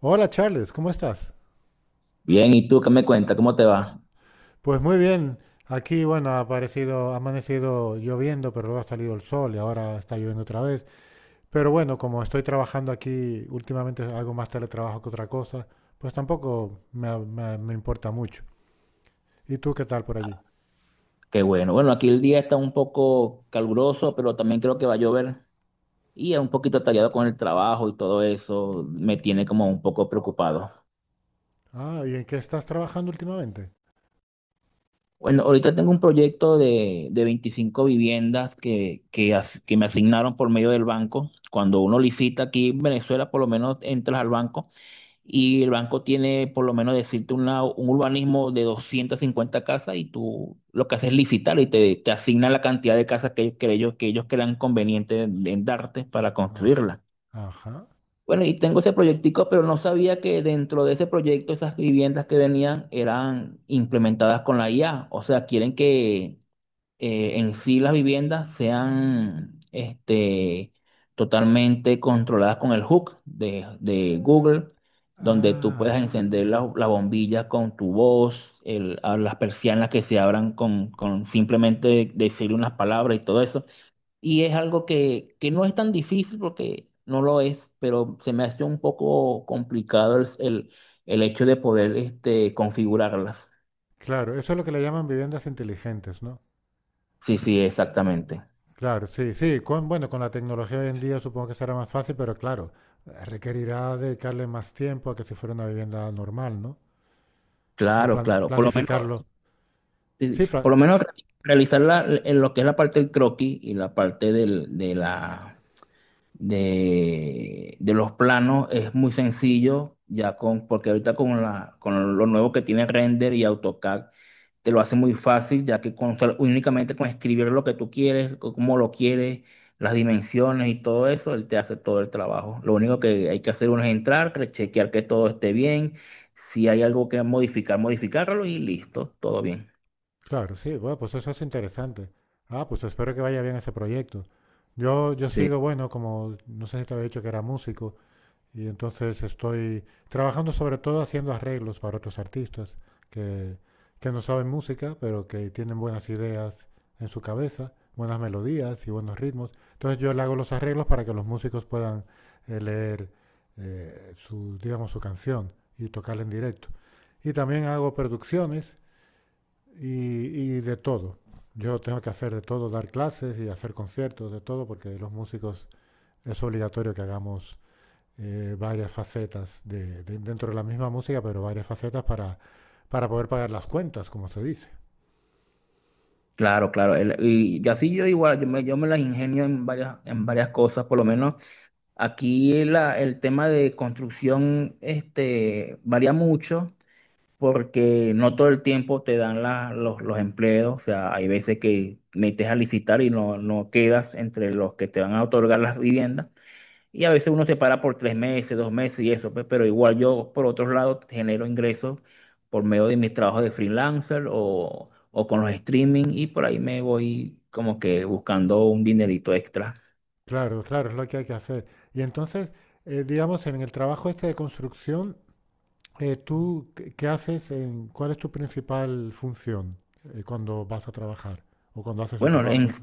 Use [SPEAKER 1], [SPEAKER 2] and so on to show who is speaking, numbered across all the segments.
[SPEAKER 1] Hola Charles, ¿cómo estás?
[SPEAKER 2] Bien, ¿y tú qué me cuentas? ¿Cómo te va?
[SPEAKER 1] Pues muy bien, aquí bueno, ha aparecido, ha amanecido lloviendo, pero luego ha salido el sol y ahora está lloviendo otra vez. Pero bueno, como estoy trabajando aquí, últimamente hago más teletrabajo que otra cosa, pues tampoco me, me importa mucho. ¿Y tú qué tal por allí?
[SPEAKER 2] Qué bueno. Bueno, aquí el día está un poco caluroso, pero también creo que va a llover y es un poquito atareado con el trabajo y todo eso me tiene como un poco preocupado.
[SPEAKER 1] Ah, ¿y en qué estás trabajando últimamente?
[SPEAKER 2] Bueno, ahorita tengo un proyecto de 25 viviendas que me asignaron por medio del banco. Cuando uno licita aquí en Venezuela, por lo menos entras al banco y el banco tiene, por lo menos, decirte un urbanismo de 250 casas y tú lo que haces es licitar y te asignan la cantidad de casas que ellos crean conveniente en darte para
[SPEAKER 1] Aj-
[SPEAKER 2] construirla.
[SPEAKER 1] Ajá.
[SPEAKER 2] Bueno, y tengo ese proyectico, pero no sabía que dentro de ese proyecto esas viviendas que venían eran implementadas con la IA. O sea, quieren que en sí las viviendas sean este, totalmente controladas con el hook de Google, donde tú puedes
[SPEAKER 1] Ah,
[SPEAKER 2] encender la bombilla con tu voz, a las persianas que se abran con simplemente decir unas palabras y todo eso. Y es algo que no es tan difícil porque no lo es, pero se me hace un poco complicado el hecho de poder este, configurarlas.
[SPEAKER 1] claro, eso es lo que le llaman viviendas inteligentes, ¿no?
[SPEAKER 2] Sí, sí, exactamente.
[SPEAKER 1] Claro, sí, sí. Con, bueno, con la tecnología hoy en día supongo que será más fácil, pero claro, requerirá dedicarle más tiempo a que si fuera una vivienda normal, ¿no? O
[SPEAKER 2] Claro, claro. Por lo menos.
[SPEAKER 1] planificarlo.
[SPEAKER 2] Sí,
[SPEAKER 1] Sí,
[SPEAKER 2] sí. Por lo menos realizar en lo que es la parte del croquis y la parte de los planos es muy sencillo, ya porque ahorita con lo nuevo que tiene Render y AutoCAD te lo hace muy fácil, ya que únicamente con escribir lo que tú quieres, cómo lo quieres, las dimensiones y todo eso, él te hace todo el trabajo. Lo único que hay que hacer uno es entrar, chequear que todo esté bien, si hay algo que modificar, modificarlo y listo, todo bien.
[SPEAKER 1] claro, sí. Bueno, pues eso es interesante. Ah, pues espero que vaya bien ese proyecto. Yo sigo,
[SPEAKER 2] Sí.
[SPEAKER 1] bueno, como no sé si te había dicho que era músico. Y entonces estoy trabajando sobre todo haciendo arreglos para otros artistas que, que no saben música, pero que tienen buenas ideas en su cabeza, buenas melodías y buenos ritmos. Entonces yo le hago los arreglos para que los músicos puedan leer su, digamos, su canción y tocarla en directo. Y también hago producciones y de todo. Yo tengo que hacer de todo, dar clases y hacer conciertos, de todo, porque los músicos es obligatorio que hagamos varias facetas de, dentro de la misma música, pero varias facetas para poder pagar las cuentas, como se dice.
[SPEAKER 2] Claro, claro. Y yo así yo igual, yo me las ingenio en varias cosas, por lo menos aquí el tema de construcción este, varía mucho porque no todo el tiempo te dan los empleos, o sea, hay veces que metes a licitar y no, no quedas entre los que te van a otorgar las viviendas. Y a veces uno se para por 3 meses, 2 meses y eso, pues, pero igual yo, por otro lado, genero ingresos por medio de mis trabajos de freelancer o con los streaming y por ahí me voy como que buscando un dinerito extra.
[SPEAKER 1] Claro, claro, es lo que hay que hacer. Y entonces, digamos, en el trabajo este de construcción, ¿tú qué haces? ¿Cuál es tu principal función cuando vas a trabajar o cuando haces el
[SPEAKER 2] Bueno,
[SPEAKER 1] trabajo?
[SPEAKER 2] en,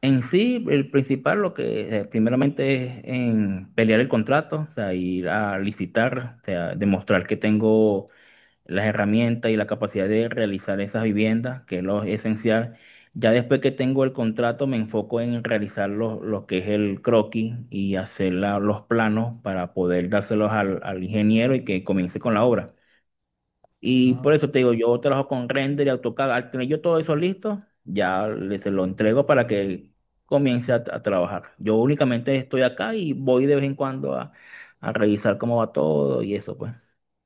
[SPEAKER 2] en sí, el principal, lo que primeramente es en pelear el contrato, o sea, ir a licitar, o sea, demostrar que tengo las herramientas y la capacidad de realizar esas viviendas, que es lo esencial. Ya después que tengo el contrato, me enfoco en realizar lo que es el croquis y hacer los planos para poder dárselos al ingeniero y que comience con la obra. Y por
[SPEAKER 1] Ah,
[SPEAKER 2] eso te digo, yo trabajo con render y AutoCAD. Al tener yo todo eso listo, ya se lo entrego para que comience a trabajar. Yo únicamente estoy acá y voy de vez en cuando a revisar cómo va todo y eso, pues.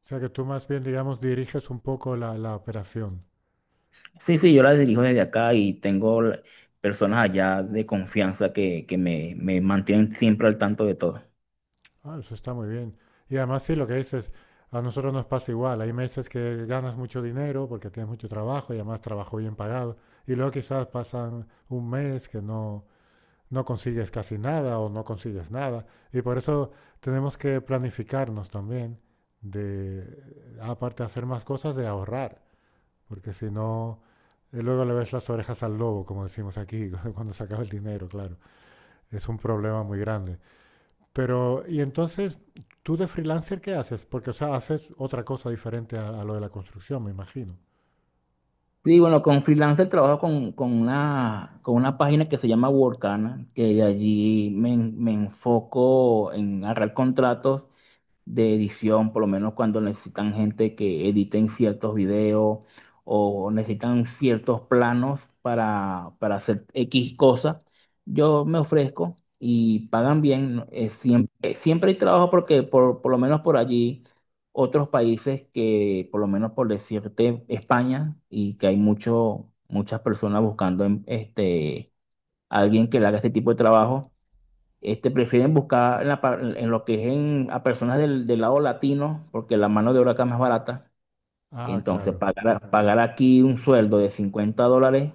[SPEAKER 1] o sea que tú más bien, digamos, diriges un poco la, la operación.
[SPEAKER 2] Sí, sí, yo la dirijo desde acá y tengo personas allá de confianza que me mantienen siempre al tanto de todo.
[SPEAKER 1] Ah, eso está muy bien. Y además sí, lo que dices, a nosotros nos pasa igual. Hay meses que ganas mucho dinero porque tienes mucho trabajo y además trabajo bien pagado. Y luego quizás pasan un mes que no, no consigues casi nada o no consigues nada. Y por eso tenemos que planificarnos también de, aparte de hacer más cosas, de ahorrar. Porque si no, luego le ves las orejas al lobo, como decimos aquí, cuando se acaba el dinero, claro. Es un problema muy grande. Pero, y entonces, ¿tú de freelancer qué haces? Porque, o sea, haces otra cosa diferente a lo de la construcción, me imagino.
[SPEAKER 2] Sí, bueno, con freelancer trabajo con una página que se llama Workana, que de allí me enfoco en agarrar contratos de edición, por lo menos cuando necesitan gente que editen ciertos videos o necesitan ciertos planos para hacer X cosas, yo me ofrezco y pagan bien. ¿No? Siempre, siempre hay trabajo porque por lo menos por allí otros países que, por lo menos por decirte, España, y que hay mucho, muchas personas buscando alguien que le haga este tipo de trabajo. Este, prefieren buscar en lo que es a personas del lado latino, porque la mano de obra acá es más barata. Y
[SPEAKER 1] Ah,
[SPEAKER 2] entonces
[SPEAKER 1] claro,
[SPEAKER 2] pagar aquí un sueldo de $50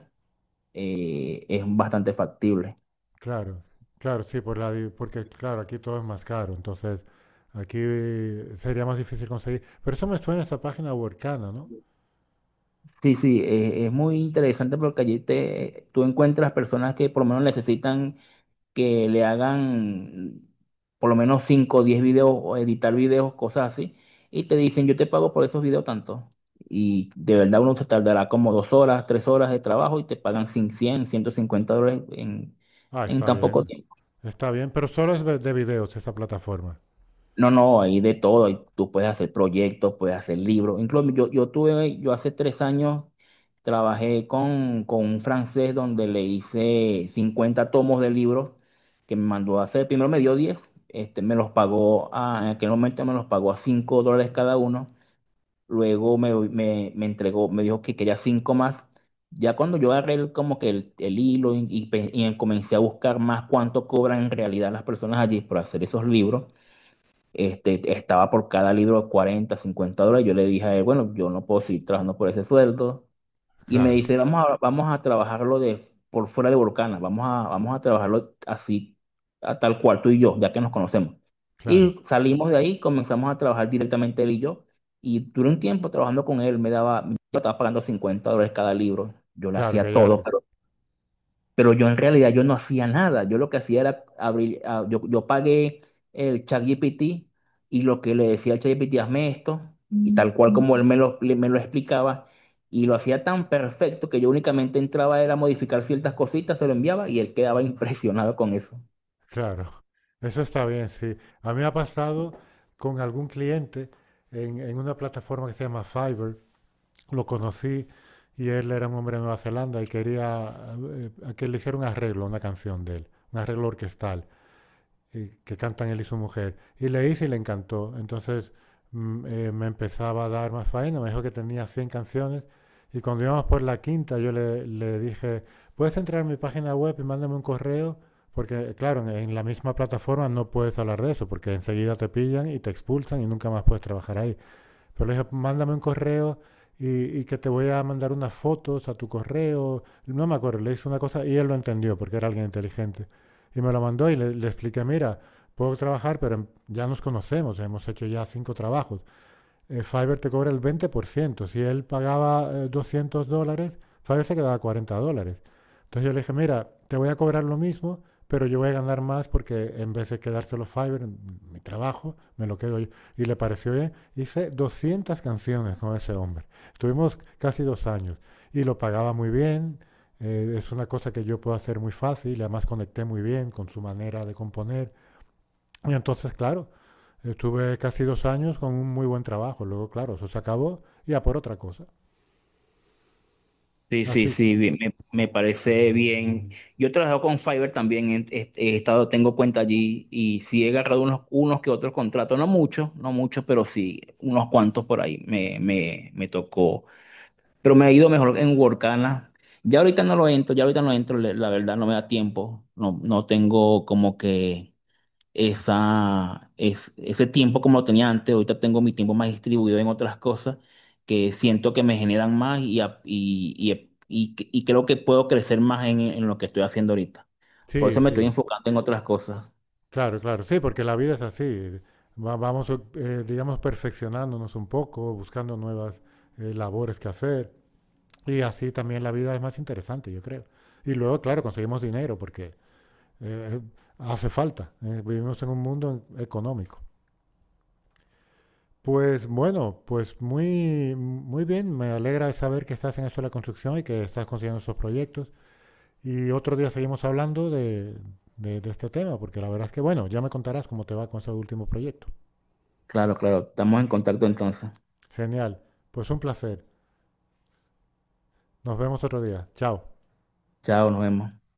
[SPEAKER 2] es bastante factible.
[SPEAKER 1] claro, claro, sí, por la, porque, claro, aquí todo es más caro, entonces aquí sería más difícil conseguir. Pero eso me suena a esa página Workana, ¿no?
[SPEAKER 2] Sí, sí, es muy interesante porque allí te, tú encuentras personas que por lo menos necesitan que le hagan por lo menos 5 o 10 videos o editar videos, cosas así, y te dicen, yo te pago por esos videos tanto. Y de verdad uno se tardará como 2 horas, 3 horas de trabajo y te pagan 100, $150 en,
[SPEAKER 1] Ah,
[SPEAKER 2] en tan poco tiempo.
[SPEAKER 1] está bien, pero solo es de videos esa plataforma.
[SPEAKER 2] No, no, hay de todo. Tú puedes hacer proyectos, puedes hacer libros. Incluso yo hace 3 años trabajé con un francés donde le hice 50 tomos de libros que me mandó a hacer. Primero me dio 10, este, me los pagó, en aquel momento me los pagó a $5 cada uno. Luego me entregó, me dijo que quería 5 más. Ya cuando yo agarré como que el hilo y comencé a buscar más cuánto cobran en realidad las personas allí por hacer esos libros este, estaba por cada libro 40, $50. Yo le dije a él, bueno, yo no puedo seguir trabajando por ese sueldo. Y me
[SPEAKER 1] Claro,
[SPEAKER 2] dice, vamos a trabajarlo por fuera de Volcana, vamos a trabajarlo así, a tal cual tú y yo, ya que nos conocemos.
[SPEAKER 1] claro,
[SPEAKER 2] Y salimos de ahí, comenzamos a trabajar directamente él y yo. Y duré un tiempo trabajando con él, yo estaba pagando $50 cada libro. Yo le
[SPEAKER 1] claro,
[SPEAKER 2] hacía
[SPEAKER 1] que ya,
[SPEAKER 2] todo, pero yo en realidad yo no hacía nada. Yo lo que hacía era yo pagué el ChatGPT y lo que le decía al ChatGPT, hazme esto, y tal cual como él me lo explicaba, y lo hacía tan perfecto que yo únicamente entraba era a modificar ciertas cositas, se lo enviaba y él quedaba impresionado con eso.
[SPEAKER 1] claro, eso está bien, sí. A mí me ha pasado con algún cliente en una plataforma que se llama Fiverr. Lo conocí y él era un hombre de Nueva Zelanda y quería a que le hiciera un arreglo, a una canción de él, un arreglo orquestal y que cantan él y su mujer. Y le hice y le encantó. Entonces me empezaba a dar más faena, me dijo que tenía 100 canciones. Y cuando íbamos por la quinta, yo le, le dije, ¿puedes entrar en mi página web y mándame un correo? Porque, claro, en la misma plataforma no puedes hablar de eso, porque enseguida te pillan y te expulsan y nunca más puedes trabajar ahí. Pero le dije, mándame un correo y, y que te voy a mandar unas fotos a tu correo. No me acuerdo, le hice una cosa y él lo entendió porque era alguien inteligente. Y me lo mandó y le expliqué, mira, puedo trabajar, pero ya nos conocemos, hemos hecho ya 5 trabajos. Fiverr te cobra el 20%. Si él pagaba $200, Fiverr se quedaba $40. Entonces yo le dije, mira, te voy a cobrar lo mismo, pero yo voy a ganar más porque en vez de quedárselo Fiverr, mi trabajo, me lo quedo yo. Y le pareció bien. Hice 200 canciones con ese hombre. Estuvimos casi 2 años y lo pagaba muy bien. Es una cosa que yo puedo hacer muy fácil, además conecté muy bien con su manera de componer. Y entonces, claro, estuve casi 2 años con un muy buen trabajo. Luego, claro, eso se acabó y a por otra cosa.
[SPEAKER 2] Sí, sí,
[SPEAKER 1] Así.
[SPEAKER 2] sí, bien, me parece bien. Yo trabajo con Fiverr también, he estado, tengo cuenta allí y sí he agarrado unos que otros contratos, no muchos, no muchos, pero sí, unos cuantos por ahí me tocó. Pero me ha ido mejor en Workana. Ya ahorita no lo entro, ya ahorita no entro, la verdad no me da tiempo, no, no tengo como que ese tiempo como lo tenía antes. Ahorita tengo mi tiempo más distribuido en otras cosas que siento que me generan más y creo que puedo crecer más en lo que estoy haciendo ahorita. Por
[SPEAKER 1] Sí,
[SPEAKER 2] eso me estoy
[SPEAKER 1] sí.
[SPEAKER 2] enfocando en otras cosas.
[SPEAKER 1] Claro, claro. Sí, porque la vida es así. Vamos, digamos, perfeccionándonos un poco, buscando nuevas labores que hacer. Y así también la vida es más interesante, yo creo. Y luego, claro, conseguimos dinero porque eh, hace falta. Vivimos en un mundo económico. Pues bueno, pues muy, muy bien. Me alegra saber que estás en esto de la construcción y que estás consiguiendo esos proyectos. Y otro día seguimos hablando de, de este tema, porque la verdad es que, bueno, ya me contarás cómo te va con ese último proyecto.
[SPEAKER 2] Claro, claro. Estamos en contacto entonces.
[SPEAKER 1] Genial. Pues un placer. Nos vemos otro día. Chao.
[SPEAKER 2] Chao, nos vemos.